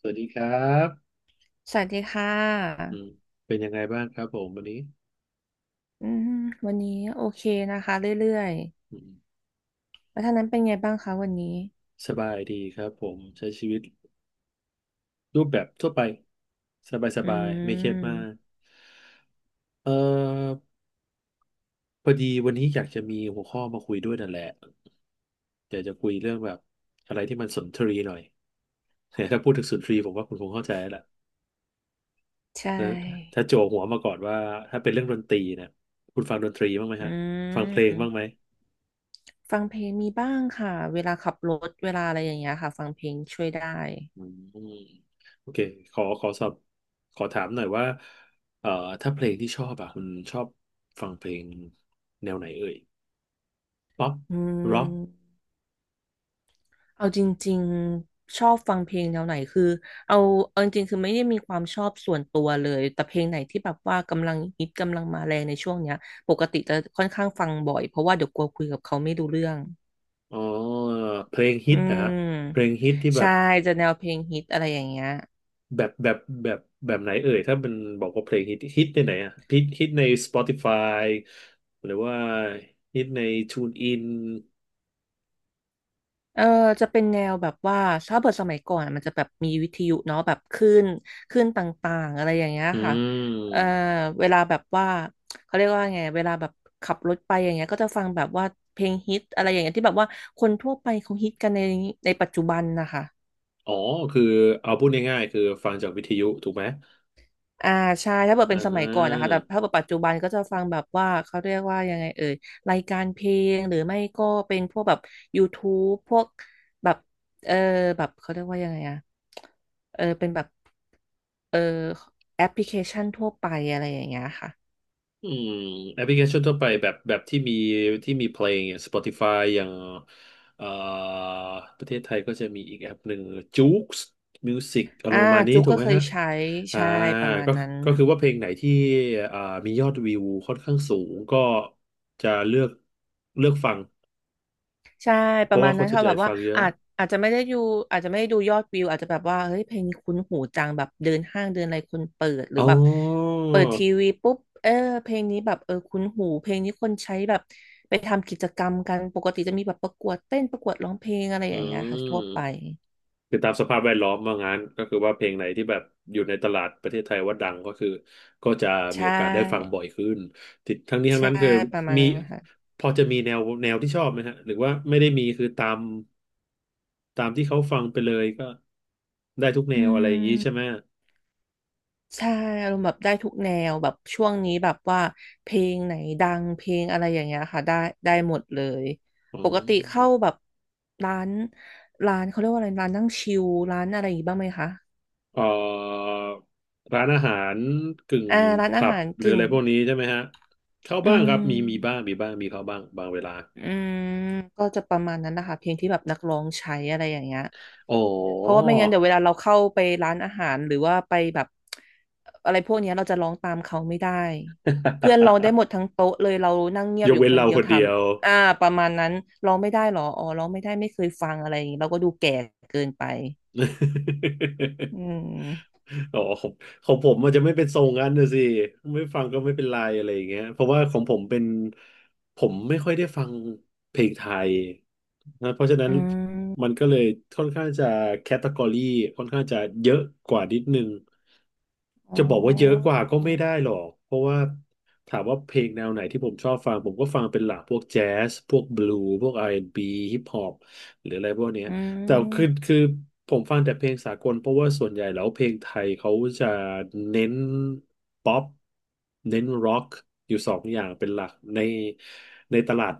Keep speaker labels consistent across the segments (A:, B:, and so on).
A: สวัสดีครับ
B: สวัสดีค่
A: อื
B: ะ
A: มเป็นยังไงบ้างครับผมวันนี้
B: อืมวันนี้โอเคนะคะเรื่อย
A: อืม
B: ๆแล้วท่างนั้นเป็นไงบ้างคะวันนี้
A: สบายดีครับผมใช้ชีวิตรูปแบบทั่วไปสบายส
B: อื
A: บายไม่เครียดมา
B: ม
A: กเอ่อพอดีวันนี้อยากจะมีหัวข้อมาคุยด้วยนั่นแหละอยากจะคุยเรื่องแบบอะไรที่มันสุนทรีหน่อย ถ้าพูดถึงสุนทรีผมว่าคุณคงเข้าใจแล้วแหละ
B: ใช่
A: นะถ้าโจัวหัวมาก่อนว่าถ้าเป็นเรื่องดนตรีเนี่ยคุณฟังดนตรีบ้างไหม
B: อื
A: ฮะฟังเพลงบ้างไหม
B: มฟังเพลงมีบ้างค่ะเวลาขับรถเวลาอะไรอย่างเงี้ยค่ะฟังเพลงช่วยได้
A: อืมโอเคขอขอถามหน่อยว่าเอ่อถ้าเพลงที่ชอบอะคุณชอบฟังเพลงแนวไหนเอ่ยป๊อป
B: อื
A: ร็อก
B: มเอาจริงๆ ชอบฟังเพลงแนวไหนคือเอาเอาจริงๆคือไม่ได้มีความชอบส่วนตัวเลยแต่เพลงไหนที่แบบว่ากำลังฮิตกำลังมาแรงในช่วงเนี้ยปกติจะค่อนข้างฟังบ่อยเพราะว่าเดี๋ยวกลัวคุยกับเขาไม่รู้เรื่อง
A: อ๋อเพลงฮิ
B: อื
A: ตนะฮะเพลง
B: ม
A: ฮิตที่
B: ใช่จะแนวเพลงฮิตอะไรอย่างเงี้ย
A: แบบแบบแบบแบบไหนเอ่ยถ้าเป็นบอกว่าเพลงฮิตในไหนอะฮิตใน Spotify หรือว่าฮิตใน TuneIn
B: เออจะเป็นแนวแบบว่าถ้าเปิดสมัยก่อนอะมันจะแบบมีวิทยุเนาะแบบคลื่นต่างๆอะไรอย่างเงี้ย
A: อื
B: ค่ะเออ
A: ม
B: เวลาแบบว่าเขาเรียกว่าไงเวลาแบบขับรถไปอย่างเงี้ยก็จะฟังแบบว่าเพลงฮิตอะไรอย่างเงี้ยที่แบบว่าคนทั่วไปเขาฮิตกันในปัจจุบันนะคะ
A: อ๋อคือเอาพูดง่ายๆคือฟังจากวิทยุถูกไหม
B: อ่าใช่ถ้าเกิด
A: อ่
B: เป็นสมัยก่อนนะคะแต่ถ้า
A: า
B: เกิดปัจจุบันก็จะฟังแบบว่าเขาเรียกว่ายังไงเอ่ยรายการเพลงหรือไม่ก็เป็นพวกแบบ YouTube พวกแบบเออแบบเขาเรียกว่ายังไงอะเป็นแบบเออแอปพลิเคชันทั่วไปอะไรอย่างเงี้ยค่ะ
A: อืมแอปพลิเคชันทั่วไปแบบที่มีที่มีเพลงอย่าง Spotify อย่างเอ่อประเทศไทยก็จะมีอีกแอปหนึ่ง Joox Music อาร
B: อ่า
A: มณ์ประมาณนี้
B: จุ๊ก
A: ถู
B: ก็
A: กไหม
B: เคย
A: ฮะ
B: ใช้
A: อ่า
B: ใช่ประมาณ
A: ก็
B: นั้น
A: ก็คือว่าเพลงไหนที่อ่ามียอดวิวค่อนข้างสูงก็จะเลือกฟัง
B: ใช่ป
A: เพ
B: ระ
A: ราะ
B: มา
A: ว่า
B: ณ
A: ค
B: นั้
A: น
B: น
A: ส่วน
B: ค่ะ
A: ให
B: แบ
A: ญ่
B: บว่า
A: ฟังเยอะ
B: อาจอาจจะไม่ได้ดูอาจจะไม่ได้ดูยอดวิวอาจจะแบบว่าเฮ้ยเพลงนี้คุ้นหูจังแบบเดินห้างเดินอะไรคนเปิดหรื
A: อ๋
B: อแบบ
A: อ
B: เปิดทีวีปุ๊บเออเพลงนี้แบบคุ้นหูเพลงนี้คนใช้แบบไปทำกิจกรรมกันปกติจะมีแบบประกวดเต้นประกวดร้องเพลงอะไรอ
A: อื
B: ย่างเงี้ย
A: ม
B: ค่ะทั่วไป
A: คือตามสภาพแวดล้อมว่างั้นก็คือว่าเพลงไหนที่แบบอยู่ในตลาดประเทศไทยว่าดังก็คือก็จะ
B: ใช
A: มีโอกาสได้ฟัง
B: ่
A: บ่อยขึ้นติดทั้งนี้ทั้ง
B: ใช่
A: นั้นคือ
B: ประมาณ
A: มี
B: นั้นนะค่ะ
A: พอจะมีแนวที่ชอบไหมฮะหรือว่าไม่ได้มีคือตามที่เขาฟังไปเลยก็ได้ทุกแน
B: อื
A: วอะไรอย่างนี้ใช่ไหม
B: ม ใช่อารมณ์แบบได้ทุกแนวแบบช่วงนี้แบบว่าเพลงไหนดังเพลงอะไรอย่างเงี้ยค่ะได้ได้หมดเลย
A: อ๋
B: ปกติเข้า
A: อ
B: แบบร้านร้านเขาเรียกว่าอะไรร้านนั่งชิลร้านอะไรอย่างงี้บ้างไหมคะ
A: เอ่อร้านอาหารกึ่ง
B: อ่าร้านอา
A: ผับ
B: หาร
A: หรือ
B: กึ่
A: อะ
B: ง
A: ไรพวกนี้ใช่ไหมฮะเข้า
B: อื
A: บ้างครับมีมี
B: ม
A: บ้างมีบ้างมีเข้าบ้างบางเวลา
B: อืมก็จะประมาณนั้นนะคะเพลงที่แบบนักร้องใช้อะไรอย่างเงี้ย
A: อ๋อ
B: เพราะว่าไม่งั้นเดี๋ยวเวลาเราเข้าไปร้านอาหารหรือว่าไปแบบอะไรพวกเนี้ยเราจะร้องตามเขาไม่ได้เพื่อนร้องได้หมด ทั้งโต๊ะเลยเรานั่งเงีย
A: ย
B: บ
A: ก
B: อยู่
A: เว้น
B: คน
A: เรา
B: เดีย
A: ค
B: ว
A: น
B: ท
A: เดียว
B: ำประมาณนั้นร้องไม่ได้หรออ๋อร้องไม่ได้ไม่เคยฟังอะไรอย่างงี้เราก็ดูแก่เกินไปอื ม
A: อ๋อของของผมมันจะไม่เป็นทรงนั้นนะสิ ไม่ฟังก็ไม่เป็นไรอะไรอย่างเงี้ยเพราะว่าของผมเป็นผมไม่ค่อยได้ฟังเพลงไทยนะเพราะฉะนั้
B: อื
A: นมัน
B: ม
A: ก็เลยค่อนข้างจะแคตตากรีค่อนข้างจะเยอะกว่านิดนึง
B: อ๋อ
A: จะบอกว่าเยอะกว่าก็ไม่ได้หรอก เพราะว่าถามว่าเพลงแนวไหนที่ผมชอบฟังผมก็ฟังเป็นหลักพวกแจ๊สพวกบลูพวกอาร์แอนด์บีฮิปฮอป หรืออะไรพวกเนี้ย
B: อื
A: แต่คือ
B: ม
A: คือผมฟังแต่เพลงสากลเพราะว่าส่วนใหญ่แล้วเพลงไทยเขาจะเน้นป๊อปเน้นร็อกอยู่สองอย่างเป็นหลักในใน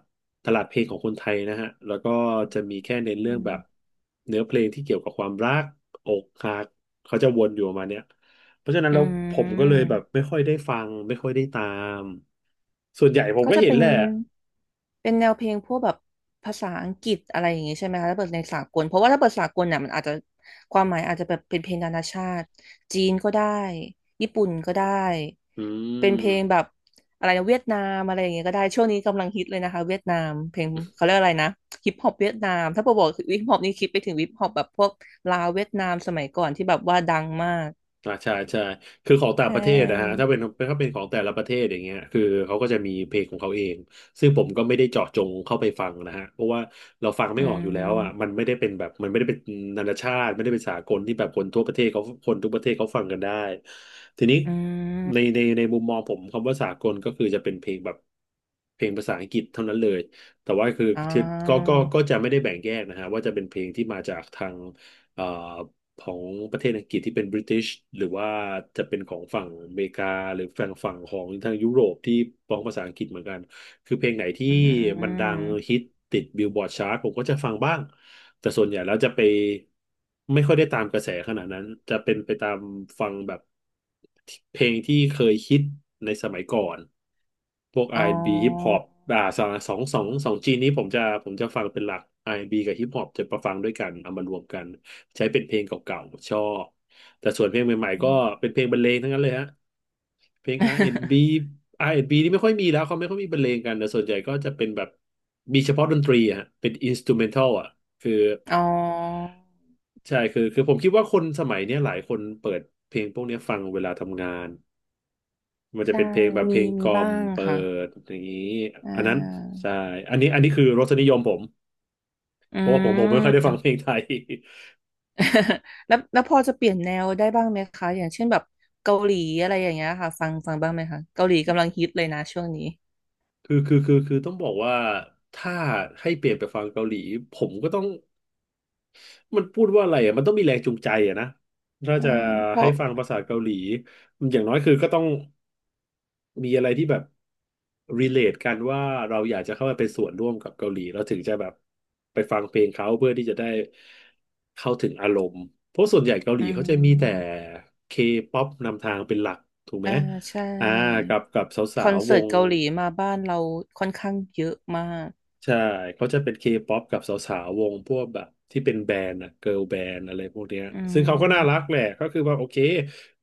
A: ตลาดเพลงของคนไทยนะฮะแล้วก็จะมีแค่เน้นเรื่องแบบเนื้อเพลงที่เกี่ยวกับความรักอกหักเขาจะวนอยู่ประมาณเนี้ยเพราะฉะนั้น
B: อื
A: แล้วผมก็เลยแบบไม่
B: ม
A: ค่อยได้ฟังไม่ค่อยได้ตามส่วนใหญ่ผม
B: ก็
A: ก็
B: จะ
A: เห็น
B: เป็น
A: แหละ
B: เป็นแนวเพลงพวกแบบภาษาอังกฤษอะไรอย่างงี้ใช่ไหมคะถ้าเปิดในสากลเพราะว่าถ้าเปิดสากลเนี่ยมันอาจจะความหมายอาจจะแบบเป็นเพลงนานาชาติจีนก็ได้ญี่ปุ่นก็ได้
A: อื
B: เป็นเพลง
A: ม
B: แบบอะไรนะเวียดนามอะไรอย่างเงี้ยก็ได้ช่วงนี้กำลังฮิตเลยนะคะเวียดนามเพลงเขาเรียกอะไรนะฮิปฮอปเวียดนามถ้าเปิดบอกฮิปฮอปนี่คิดไปถึงฮิปฮอปแบบพวกลาวเวียดนามสมัยก่อนที่แบบว่าดังมาก
A: อ่าใช่ใช่คือของต่า
B: ใช
A: งประเทศนะฮะ
B: ่
A: ถ้าเป็นถ้าเป็นของแต่ละประเทศอย่างเงี้ยคือเขาก็จะมีเพลงของเขาเองซึ่งผมก็ไม่ได้เจาะจงเข้าไปฟังนะฮะเพราะว่าเราฟังไม่
B: อื
A: ออกอยู่แล้วอ่ะมัน
B: ม
A: ไม่ได้เป็นแบบมันไม่ได้เป็นนานาชาติไม่ได้เป็นสากลที่แบบคนทั่วประเทศเขาคนทุกประเทศเขาฟังกันได้ทีนี้
B: อื
A: ใน
B: ม
A: ในในมุมมองผมคำว่าสากลก็คือจะเป็นเพลงแบบเพลงภาษาอังกฤษเท่านั้นเลยแต่ว่าคือ
B: อ่
A: ที่ก็
B: า
A: จะไม่ได้แบ่งแยกนะฮะว่าจะเป็นเพลงที่มาจากทางเอ่อ ของประเทศอังกฤษที่เป็นบริติชหรือว่าจะเป็นของฝั่งอเมริกาหรือฝั่งของทางยุโรปที่ร้องภาษาอังกฤษเหมือนกันคือเพลงไหนที่
B: อื
A: มันดัง
B: ม
A: ฮิตติดบิลบอร์ดชาร์ตผมก็จะฟังบ้างแต่ส่วนใหญ่แล้วจะไปไม่ค่อยได้ตามกระแสขนาดนั้นจะเป็นไปตามฟังแบบเพลงที่เคยฮิตในสมัยก่อนพวก
B: อ๋
A: อา
B: อ
A: ร์แอนด์บ b ฮิปฮอปอ่าสองจีนนี้ผมจะฟังเป็นหลักอาร์แอนด์บีกับฮิปฮอปจะประฟังด้วยกันเอามารวมกัน ใช้เป็นเพลงเก่าๆชอบ แต่ส่วนเพลงใหม่ๆก็เป็นเพลงบรรเลงทั้งนั้นเลยฮะเพลง R&B R&B นด์บีอาร์แอนด์บีนี่ไม่ค่อยมีแล้วเขาไม่ค่อยมีบรรเลงกันแต่ส่วนใหญ่ก็จะเป็นแบบมีเฉพาะดนตรีอะฮะเป็นอินสตูเมนทัลอ่ะคือ
B: อ๋อ
A: ใช่คือผมคิดว่าคนสมัยเนี้ยหลายคนเปิดเพลงพวกเนี้ยฟังเวลาทำงานมันจะ
B: ใช่
A: เป็นเพลงแบบเพ
B: มี
A: ลงก
B: มี
A: ล่อ
B: บ้า
A: ม
B: ง
A: เปิ
B: ค่ะ
A: ดอย่างนี้
B: อ่
A: อันนั้น
B: า
A: ใช่อันนี้คือรสนิยมผม
B: อื
A: เพราะว่าผมไม่ค่อยได้ฟังเพล
B: ม
A: งไทย
B: แล้วพอจะเปลี่ยนแนวได้บ้างไหมคะอย่างเช่นแบบเกาหลีอะไรอย่างเงี้ยค่ะฟังบ้างไหมคะเกาหลีกำลังฮิตเลยนะช่วงนี้
A: คือต้องบอกว่าถ้าให้เปลี่ยนไปฟังเกาหลีผมก็ต้องมันพูดว่าอะไรอ่ะมันต้องมีแรงจูงใจอ่ะนะถ้าจะ
B: ใช่เพ
A: ให้
B: ราะ
A: ฟังภาษาเกาหลีอย่างน้อยคือก็ต้องมีอะไรที่แบบ relate กันว่าเราอยากจะเข้าไปเป็นส่วนร่วมกับเกาหลีเราถึงจะแบบไปฟังเพลงเขาเพื่อที่จะได้เข้าถึงอารมณ์เพราะส่วนใหญ่เกาหลี
B: อื
A: เขาจะมีแต่
B: ม
A: K-pop นำทางเป็นหลักถูกไห
B: อ่า
A: ม
B: ใช่
A: อ่ากับส
B: ค
A: า
B: อน
A: วๆว
B: เสิร์ต
A: ง
B: เกาหลีมาบ้านเราค่อนข้างเยอะมาก
A: ใช่เขาจะเป็นเคป๊อปกับสาวๆวงพวกแบบที่เป็นแบรนด์อะเกิร์ลแบนด์อะไรพวกเนี้ย
B: อื
A: ซึ่งเขาก็น่า
B: ม
A: รักแหละก็คือว่าโอเค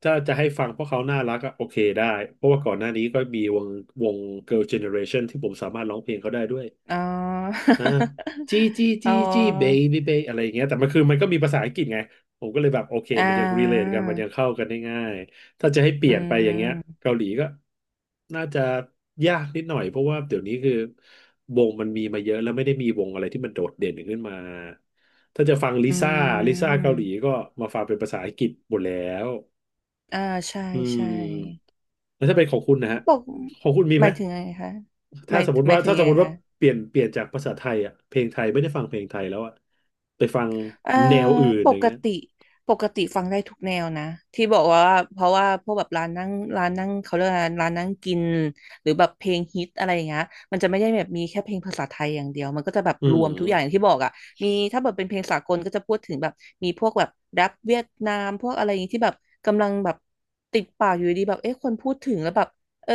A: ถ้าจะให้ฟังเพราะเขาน่ารักอะโอเคได้เพราะว่าก่อนหน้านี้ก็มีวงวงเกิร์ลเจเนอเรชันที่ผมสามารถร้องเพลงเขาได้ด้วย
B: อ๋อ
A: อ่าจี้ จี้
B: อ๋
A: จี้จี้เบ
B: อ
A: บี้เบอะไรอย่างเงี้ยแต่มันคือมันก็มีภาษาอังกฤษไงผมก็เลยแบบโอเค
B: อ่
A: มันยังรีเลท
B: า
A: กันมันยังเข้ากันได้ง่ายถ้าจะให้เป
B: อื
A: ลี่ยนไปอย่างเงี้ย
B: ม
A: เกาหลีก็น่าจะยากนิดหน่อยเพราะว่าเดี๋ยวนี้คือวงมันมีมาเยอะแล้วไม่ได้มีวงอะไรที่มันโดดเด่นขึ้นมาถ้าจะฟังลิ
B: อื
A: ซ่าลิซ่า
B: ม
A: เกาหลีก็มาฟังเป็นภาษาอังกฤษหมดแล้ว
B: อ่า ใช่
A: อื
B: ใช่
A: มแล้วถ้าเป็นของคุณนะฮะ
B: บอก
A: ของคุณมี
B: ห
A: ไหม
B: มายถึงไงคะห
A: ถ้า
B: มาย
A: สมม
B: ห
A: ติ
B: มา
A: ว่า
B: ยถึง
A: ถ้าสม
B: ไง
A: มติว่า
B: คะ
A: เปลี่ยนจากภาษาไทยอ่ะเพลงไทยไม่ได้ฟังเพลงไทยแล้วอ่ะไปฟัง
B: เอ่อ
A: แนวอื่น
B: ป
A: อย่าง
B: ก
A: เงี้ย
B: ติปกติฟังได้ทุกแนวนะที่บอกว่าเพราะว่าพวกแบบร้านนั่งเขาเรียกว่าร้านนั่งกินหรือแบบเพลงฮิตอะไรอย่างเงี้ยมันจะไม่ได้แบบมีแค่เพลงภาษาไทยอย่างเดียวมันก็จะแบบ
A: อื
B: รวมทุกอย่างอย่า
A: ม
B: งที่บอกอ่ะมีถ้าแบบเป็นเพลงสากลก็จะพูดถึงแบบมีพวกแบบแรปเวียดนามพวกอะไรอย่างงี้ที่แบบกำลังแบบติดปากอยู่ดีแบบเอ๊ะคนพูดถึงแล้วแบบเออ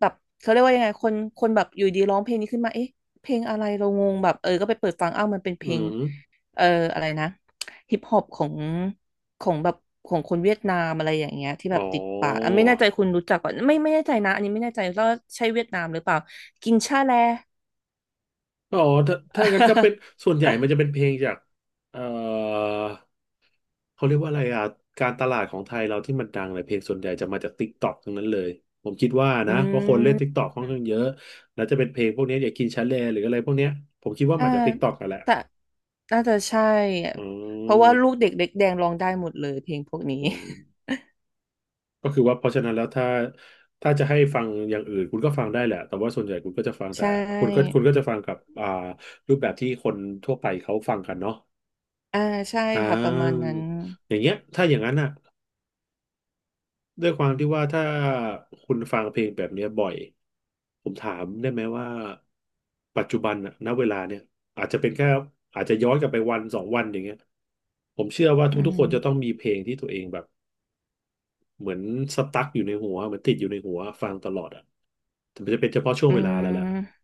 B: แบบเขาเรียกว่ายังไงคนแบบอยู่ดีร้องเพลงนี้ขึ้นมาเอ๊ะเพลงอะไรเรางงแบบก็ไปเปิดฟังอ้าวมันเป็นเพ
A: อื
B: ลง
A: ม
B: เอออะไรนะฮิปฮอปของแบบของคนเวียดนามอะไรอย่างเงี้ยที่แบบ
A: อ๋อ
B: ติดปากอ่ะไม่แน่ใจคุณรู้จักก่อนไม่แน่ใจนะอันนี้ไม่แน่ใจว่าใช่เวียดนามหรือเปล่ากินชาแล
A: อ๋อถ้าถ้างั้นก็เป็นส่วนใหญ่มันจะเป็นเพลงจากเอ่อเขาเรียกว่าอะไรอ่ะการตลาดของไทยเราที่มันดังเลยเพลงส่วนใหญ่จะมาจากติ๊กต็อกทั้งนั้นเลยผมคิดว่า
B: อื
A: นะเพราะค
B: ม
A: นเล่นติ๊กต็อกค่อนข้างเยอะแล้วจะเป็นเพลงพวกเนี้ยอย่างกินชาเลหรืออะไรพวกเนี้ยผมคิดว่า
B: อ่า
A: มาจากติ๊กต็อกกันแหละ
B: แต่น่าจะใช่อะ
A: อื
B: เพราะว่าลูก
A: ม
B: เด็กเล็กแดงร้องได้หมดเลยเพลงพวกนี้
A: อืม ก็คือว่าเพราะฉะนั้นแล้วถ้าถ้าจะให้ฟังอย่างอื่นคุณก็ฟังได้แหละแต่ว่าส่วนใหญ่คุณก็จะฟัง แต่
B: ใช่
A: คุณก็จะฟังกับอ่ารูปแบบที่คนทั่วไปเขาฟังกันเนาะ
B: อ่าใช่
A: อ่
B: ค่ะประมาณ
A: า
B: นั้น
A: อย่างเงี้ยถ้าอย่างนั้นอ่ะด้วยความที่ว่าถ้าคุณฟังเพลงแบบเนี้ยบ่อยผมถามได้ไหมว่าปัจจุบันอ่ะณเวลาเนี่ยอาจจะเป็นแค่อาจจะย้อนกลับไปวันสองวันอย่างเงี้ยผมเชื่อว่า
B: อื
A: ทุกๆคนจะต้อง
B: ม
A: มีเพลงที่ตัวเองแบบ เหมือนสตั๊กอยู่ในหัวเหมือนติดอยู่ในหัวฟังตลอดอ่ะแต่มันจะเป็นเฉพาะช่วง
B: อื
A: เวลาแล้วแหละ
B: ม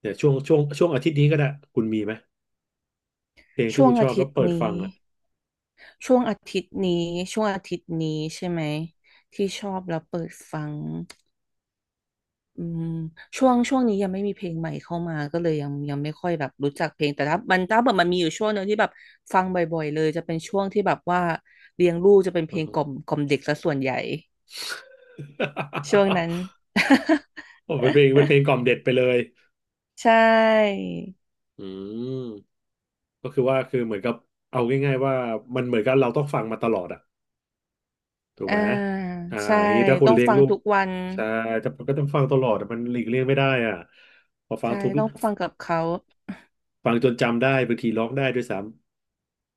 A: เนี่ยช่วงอาทิตย์นี้ก็ได้คุณมีไหมเพลง
B: ช่
A: ที่
B: วง
A: คุณช
B: อา
A: อบ
B: ทิ
A: แล้
B: ต
A: ว
B: ย์
A: เปิด
B: นี้
A: ฟังอ่ะ
B: ช่วงอาทิตย์นี้ช่วงอาทิตย์นี้ใช่ไหมที่ชอบแล้วเปิดฟังอืมช่วงนี้ยังไม่มีเพลงใหม่เข้ามาก็เลยยังไม่ค่อยแบบรู้จักเพลงแต่ถ้าแบบมันมีอยู่ช่วงหนึ่งที่แบบฟังบ่อยๆเลยจะเป็นช่วงที่แบบว่าเลี้ยงลูกจะเป็น เพ
A: อื
B: ล
A: อ
B: ง
A: ฮึ
B: กล่อมเด็กซะส่วนใหญ่ช่วงนั้น
A: โอ้เป็นเพลงเป็นเพลงกล่อมเด็ดไปเลย
B: ใช่
A: อืมก็คือว่าคือเหมือนกับเอาง่ายๆว่ามันเหมือนกับเราต้องฟังมาตลอดอ่ะถูก
B: อ่า
A: ไหมอ่า
B: ใช่
A: ทีนี้ถ้าค
B: ต้
A: น
B: อง
A: เลี้ยง
B: ฟัง
A: ลูก
B: ทุกวัน
A: ใช่แต่มันก็ต้องฟังตลอดอะมันหลีกเลี่ยงไม่ได้อ่ะพอฟัง
B: ใช่
A: ทุก
B: ต้องฟังกับเขา
A: ฟังจนจำได้บางทีร้องได้ด้วยซ้ำ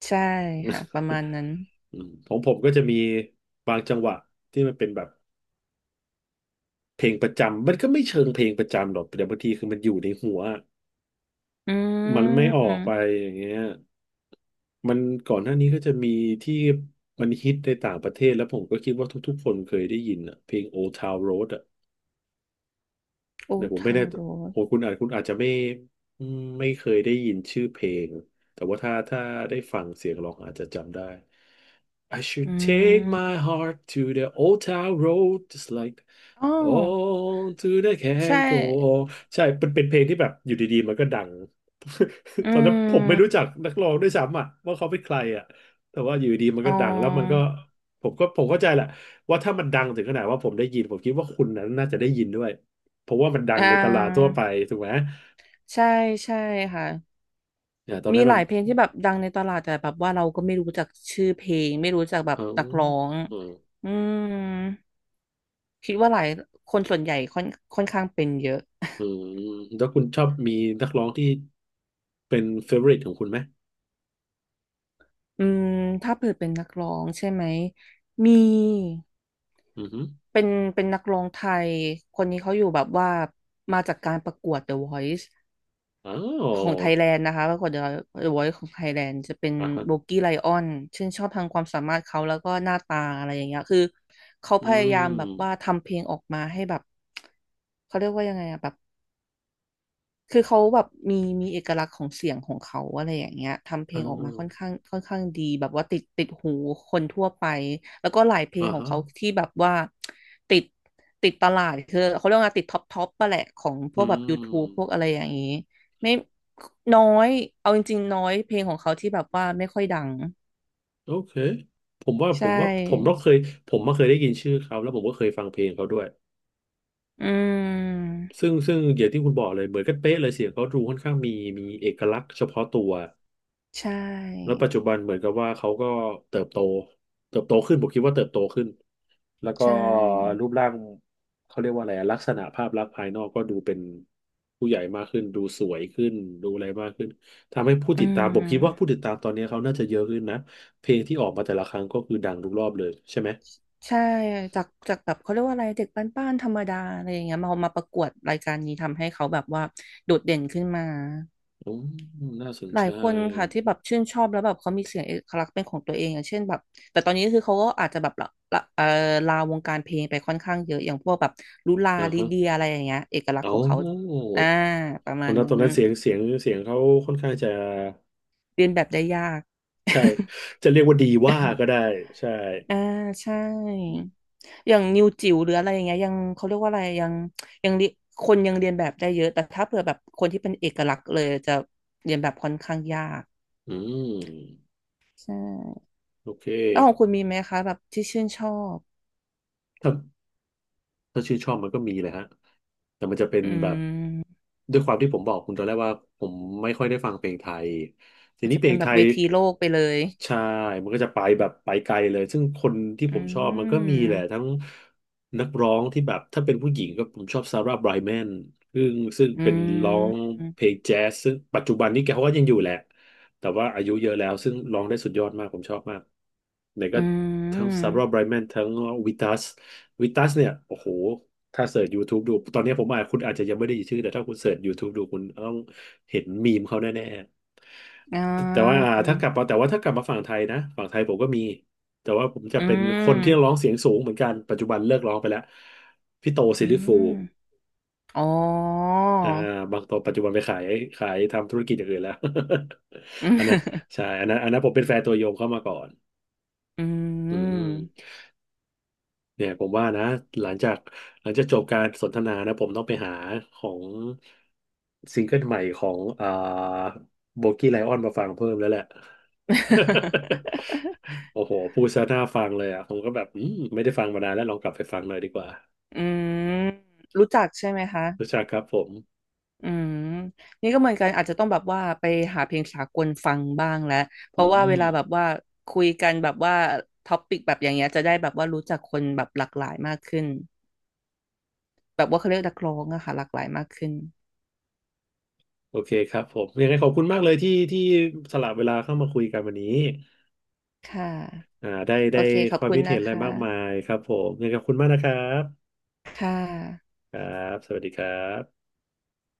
B: ใช่ค่ะประมาณนั้น
A: อืมของผมก็จะมีบางจังหวะที่มันเป็นแบบเพลงประจำมันก็ไม่เชิงเพลงประจำหรอกแต่บางทีคือมันอยู่ในหัว
B: อื
A: มันไม่ออกไป
B: ม
A: อย่างเงี้ยมันก่อนหน้านี้ก็จะมีที่มันฮิตในต่างประเทศแล้วผมก็คิดว่าทุกๆคนเคยได้ยินอะเพลง Old Town Road
B: โอ
A: เนี่ยผมไม่
B: ทา
A: แน่
B: โร่
A: โอ้คุณอาจจะไม่อืมไม่เคยได้ยินชื่อเพลงแต่ว่าถ้าได้ฟังเสียงร้องอาจจะจำได้ I
B: อื
A: should take
B: ม
A: my heart to the old town road just like
B: อ๋อ
A: on to the
B: ใช่
A: can go on ใช่เป็นเป็นเพลงที่แบบอยู่ดีๆมันก็ดัง
B: อื
A: ตอนนั้นผมไม่รู้
B: ม
A: จักนักร้องด้วยซ้ำอ่ะว่าเขาเป็นใครอ่ะแต่ว่าอยู่ดีๆมัน
B: อ๋
A: ก็ดังแล้วมันก็
B: อ
A: ผมเข้าใจแหละว่าถ้ามันดังถึงขนาดว่าผมได้ยินผมคิดว่าคุณนั้นน่าจะได้ยินด้วย เพราะว่ามันดั
B: อ่
A: งในตลาดทั่ว
B: า
A: ไปถูกไหม
B: ใช่ใช่ค่ะ
A: เนี่ยตอน
B: มี
A: นั้น
B: ห
A: มั
B: ลา
A: น
B: ยเพลงที่แบบดังในตลาดแต่แบบว่าเราก็ไม่รู้จักชื่อเพลงไม่รู้จักแบบ
A: เออ
B: นักร้อง
A: เอืม
B: อืมคิดว่าหลายคนส่วนใหญ่ค่อนข้างเป็นเยอะ
A: อืแล้วคุณชอบมีนักร้องที่เป็นเฟเวอริตของคุณไหม
B: อืมถ้าเปิดเป็นนักร้องใช่ไหมมี
A: อือฮึ
B: เป็นเป็นนักร้องไทยคนนี้เขาอยู่แบบว่ามาจากการประกวด The Voice
A: อ๋
B: ของ
A: อ
B: ไทยแลนด์นะคะปรากฏเดอะวอยซ์ของไทยแลนด์จะเป็น
A: อ่าฮะ
B: โบกี้ไลออนชื่นชอบทางความสามารถเขาแล้วก็หน้าตาอะไรอย่างเงี้ยคือเขา
A: อื
B: พยายามแบบว่า
A: ม
B: ทำเพลงออกมาให้แบบเขาเรียกว่ายังไงอะแบบ คือเขาแบบมีมีเอกลักษณ์ของเสียงของเขาอะไรอย่างเงี้ยทำเพล
A: อ่
B: งออกมาค่อน
A: า
B: ข้างค่อนข้างดีแบบว่าติดหูคนทั่วไปแล้วก็หลายเพล
A: อ่า
B: งของ
A: ฮะ
B: เขาที่แบบว่าติดติดตลาดคือเขาเรียกว่าติดท็อปปะแหละของพ
A: อื
B: วกแบบ YouTube พวก
A: ม
B: อะไรอย่างงี้ไม่น้อยเอาจริงๆน้อยเพลงของเขาที่แบบว่าไม่ค่อยดัง
A: โอเค ผมว่า
B: ใช
A: ผมว่าผมต้อ
B: ่
A: งเคยผมมาเคยได้ยินชื่อเขาแล้วผมก็เคยฟังเพลงเขาด้วย
B: อืม
A: ซึ่งอย่างที่คุณบอกเลยเหมือนกันเป๊ะเลยเสียงเขาดูค่อนข้างมีเอกลักษณ์เฉพาะตัว
B: ใช
A: แล้ว
B: ่
A: ปัจจุบันเหมือนกับว่าเขาก็เติบโตเติบโตขึ้นผมคิดว่าเติบโตขึ้นแล้ว
B: ใช
A: ก็
B: ่
A: รูปร่างเขาเรียกว่าอะไรลักษณะภาพลักษณ์ภายนอกก็ดูเป็นผู้ใหญ่มากขึ้นดูสวยขึ้นดูอะไรมากขึ้นทำให้ผู้
B: อื
A: ติดตามผมคิดว่าผู้
B: ม
A: ติดตามตอนนี้เขาน่าจะเยอะขึ้นนะเพลงที่ออกมาแต่ละครั้งก็คือดังทุกรอบเลยใช่ไหม
B: ใช่จากแบบเขาเรียกว่าอะไรเด็กบ้านๆธรรมดาอะไรอย่างเงี้ยมาประกวดรายการนี้ทำให้เขาแบบว่าโดดเด่นขึ้นมา
A: อืมน่าสน
B: หลา
A: ใจ
B: ยคนค่ะที่แบบชื่นชอบแล้วแบบเขามีเสียงเอกลักษณ์เป็นของตัวเองอย่างเช่นแบบแต่ตอนนี้คือเขาก็อาจจะแบบละละลาวงการเพลงไปค่อนข้างเยอะอย่างพวกแบบลุลา
A: อ่า
B: ลิ
A: ฮะ
B: เดียอะไรอย่างเงี้ยเอกลักษณ์ข
A: เอา
B: องเขาอ่าประ
A: ต
B: มา
A: อน
B: ณ
A: นั้นต
B: นั้
A: อน
B: น
A: นั้นเสียงเขาค่อนข้างจะ
B: เรียนแบบได้ยาก
A: ใช่จะเรียกว่าดีว่า ก็ได้ใช่
B: อ่าใช่
A: อืม
B: อย่างนิวจิ๋วหรืออะไรอย่างเงี้ยยังเขาเรียกว่าอะไรยังยังเรียคนยังเรียนแบบได้เยอะแต่ถ้าเผื่อแบบคนที่เป็นเอกลักษณ์เลยจะเรียนแบบค่อนข้างยาก
A: อืม
B: ใช่
A: โอเค
B: แล้วของคุณมีไหมคะแบบที่ชื่นชอบ
A: ถ้าถ้าชื่นชอบมันก็มีเลยฮะแต่มันจะเป็น
B: อื
A: แบบ
B: ม
A: ด้วยความที่ผมบอกคุณตอนแรกว่าผมไม่ค่อยได้ฟังเพลงไทยที
B: อาจ
A: นี้
B: จะ
A: เพล
B: เป็น
A: ง
B: แบ
A: ไท
B: บเว
A: ย
B: ทีโลกไปเลย
A: ใช่มันก็จะไปแบบไปไกลเลยซึ่งคนที่
B: อื
A: ผมชอบมันก็มีแหละ
B: ม
A: ทั้งนักร้องที่แบบถ้าเป็นผู้หญิงก็ผมชอบซาร่าไบรแมนซึ่ง
B: อื
A: เป็นร้อง
B: ม
A: เพลงแจ๊สซึ่งปัจจุบันนี้แกก็ยังอยู่แหละ แต่ว่าอายุเยอะแล้วซึ่งร้องได้สุดยอดมากผมชอบมากไหน
B: อื
A: ก็ทั้งซา
B: ม
A: ร่าไบรแมนทั้งวิตัสวิตัสเนี่ยโอ้โหถ้าเสิร์ช YouTube ดูตอนนี้ผมอาจคุณอาจจะยังไม่ได้ยินชื่อแต่ถ้าคุณเสิร์ช YouTube ดูคุณต้องเห็นมีมเขาแน่
B: อ่
A: ๆแต่ว่า
B: า
A: ถ้ากลับมาฝั่งไทยนะฝั่งไทยผมก็มีแต่ว่าผมจะ
B: อื
A: เป็นคนที่ร้อ
B: ม
A: งเสียงสูงเหมือนกันปัจจุบันเลิกร้องไปแล้วพี่โตซิ
B: อื
A: ลลิฟูล
B: มอ๋อ
A: อ่าบางตัวปัจจุบันไปขายทำธุรกิจอย่างอื่นแล้ว
B: อืม
A: อันนั้นใช่ อันนั้นผมเป็นแฟนตัวยงเข้ามาก่อน
B: อื
A: อื
B: ม
A: มเนี่ยผมว่านะหลังจากหลังจากจบการสนทนานะผมต้องไปหาของซิงเกิลใหม่ของโบกี้ไลออนมาฟังเพิ่มแล้วแหละ โอ้โหพูดซะน่าฟังเลยอ่ะผมก็แบบอืมไม่ได้ฟังมานานแล้วลองกลับไปฟังหน่อยดีกว่า
B: อืมรู้จักใช่ไหมคะ
A: รู้จักครับผม
B: อืมนี่ก็เหมือนกันอาจจะต้องแบบว่าไปหาเพลงสากลฟังบ้างแล้ว เพ
A: อื
B: ราะว่าเว
A: ม
B: ลาแบบว่าคุยกันแบบว่าท็อปิกแบบอย่างเงี้ยจะได้แบบว่ารู้จักคนแบบหลากหลายมากขึ้นแบบว่าเขาเรียกนักร้องอะค่ะหลากหลายมากขึ้น
A: โอเคครับผมยังไงขอบคุณมากเลยที่สละเวลาเข้ามาคุยกันวันนี้
B: ค่ะ
A: อ่าได้
B: โอ
A: ได้
B: เค ขอ
A: ค
B: บ
A: วาม
B: คุณ
A: คิดเห็
B: นะ
A: นอะไร
B: คะ
A: มากมายครับผมยังไงขอบคุณมากนะครับ
B: ค่ะ
A: ครับสวัสดีครับ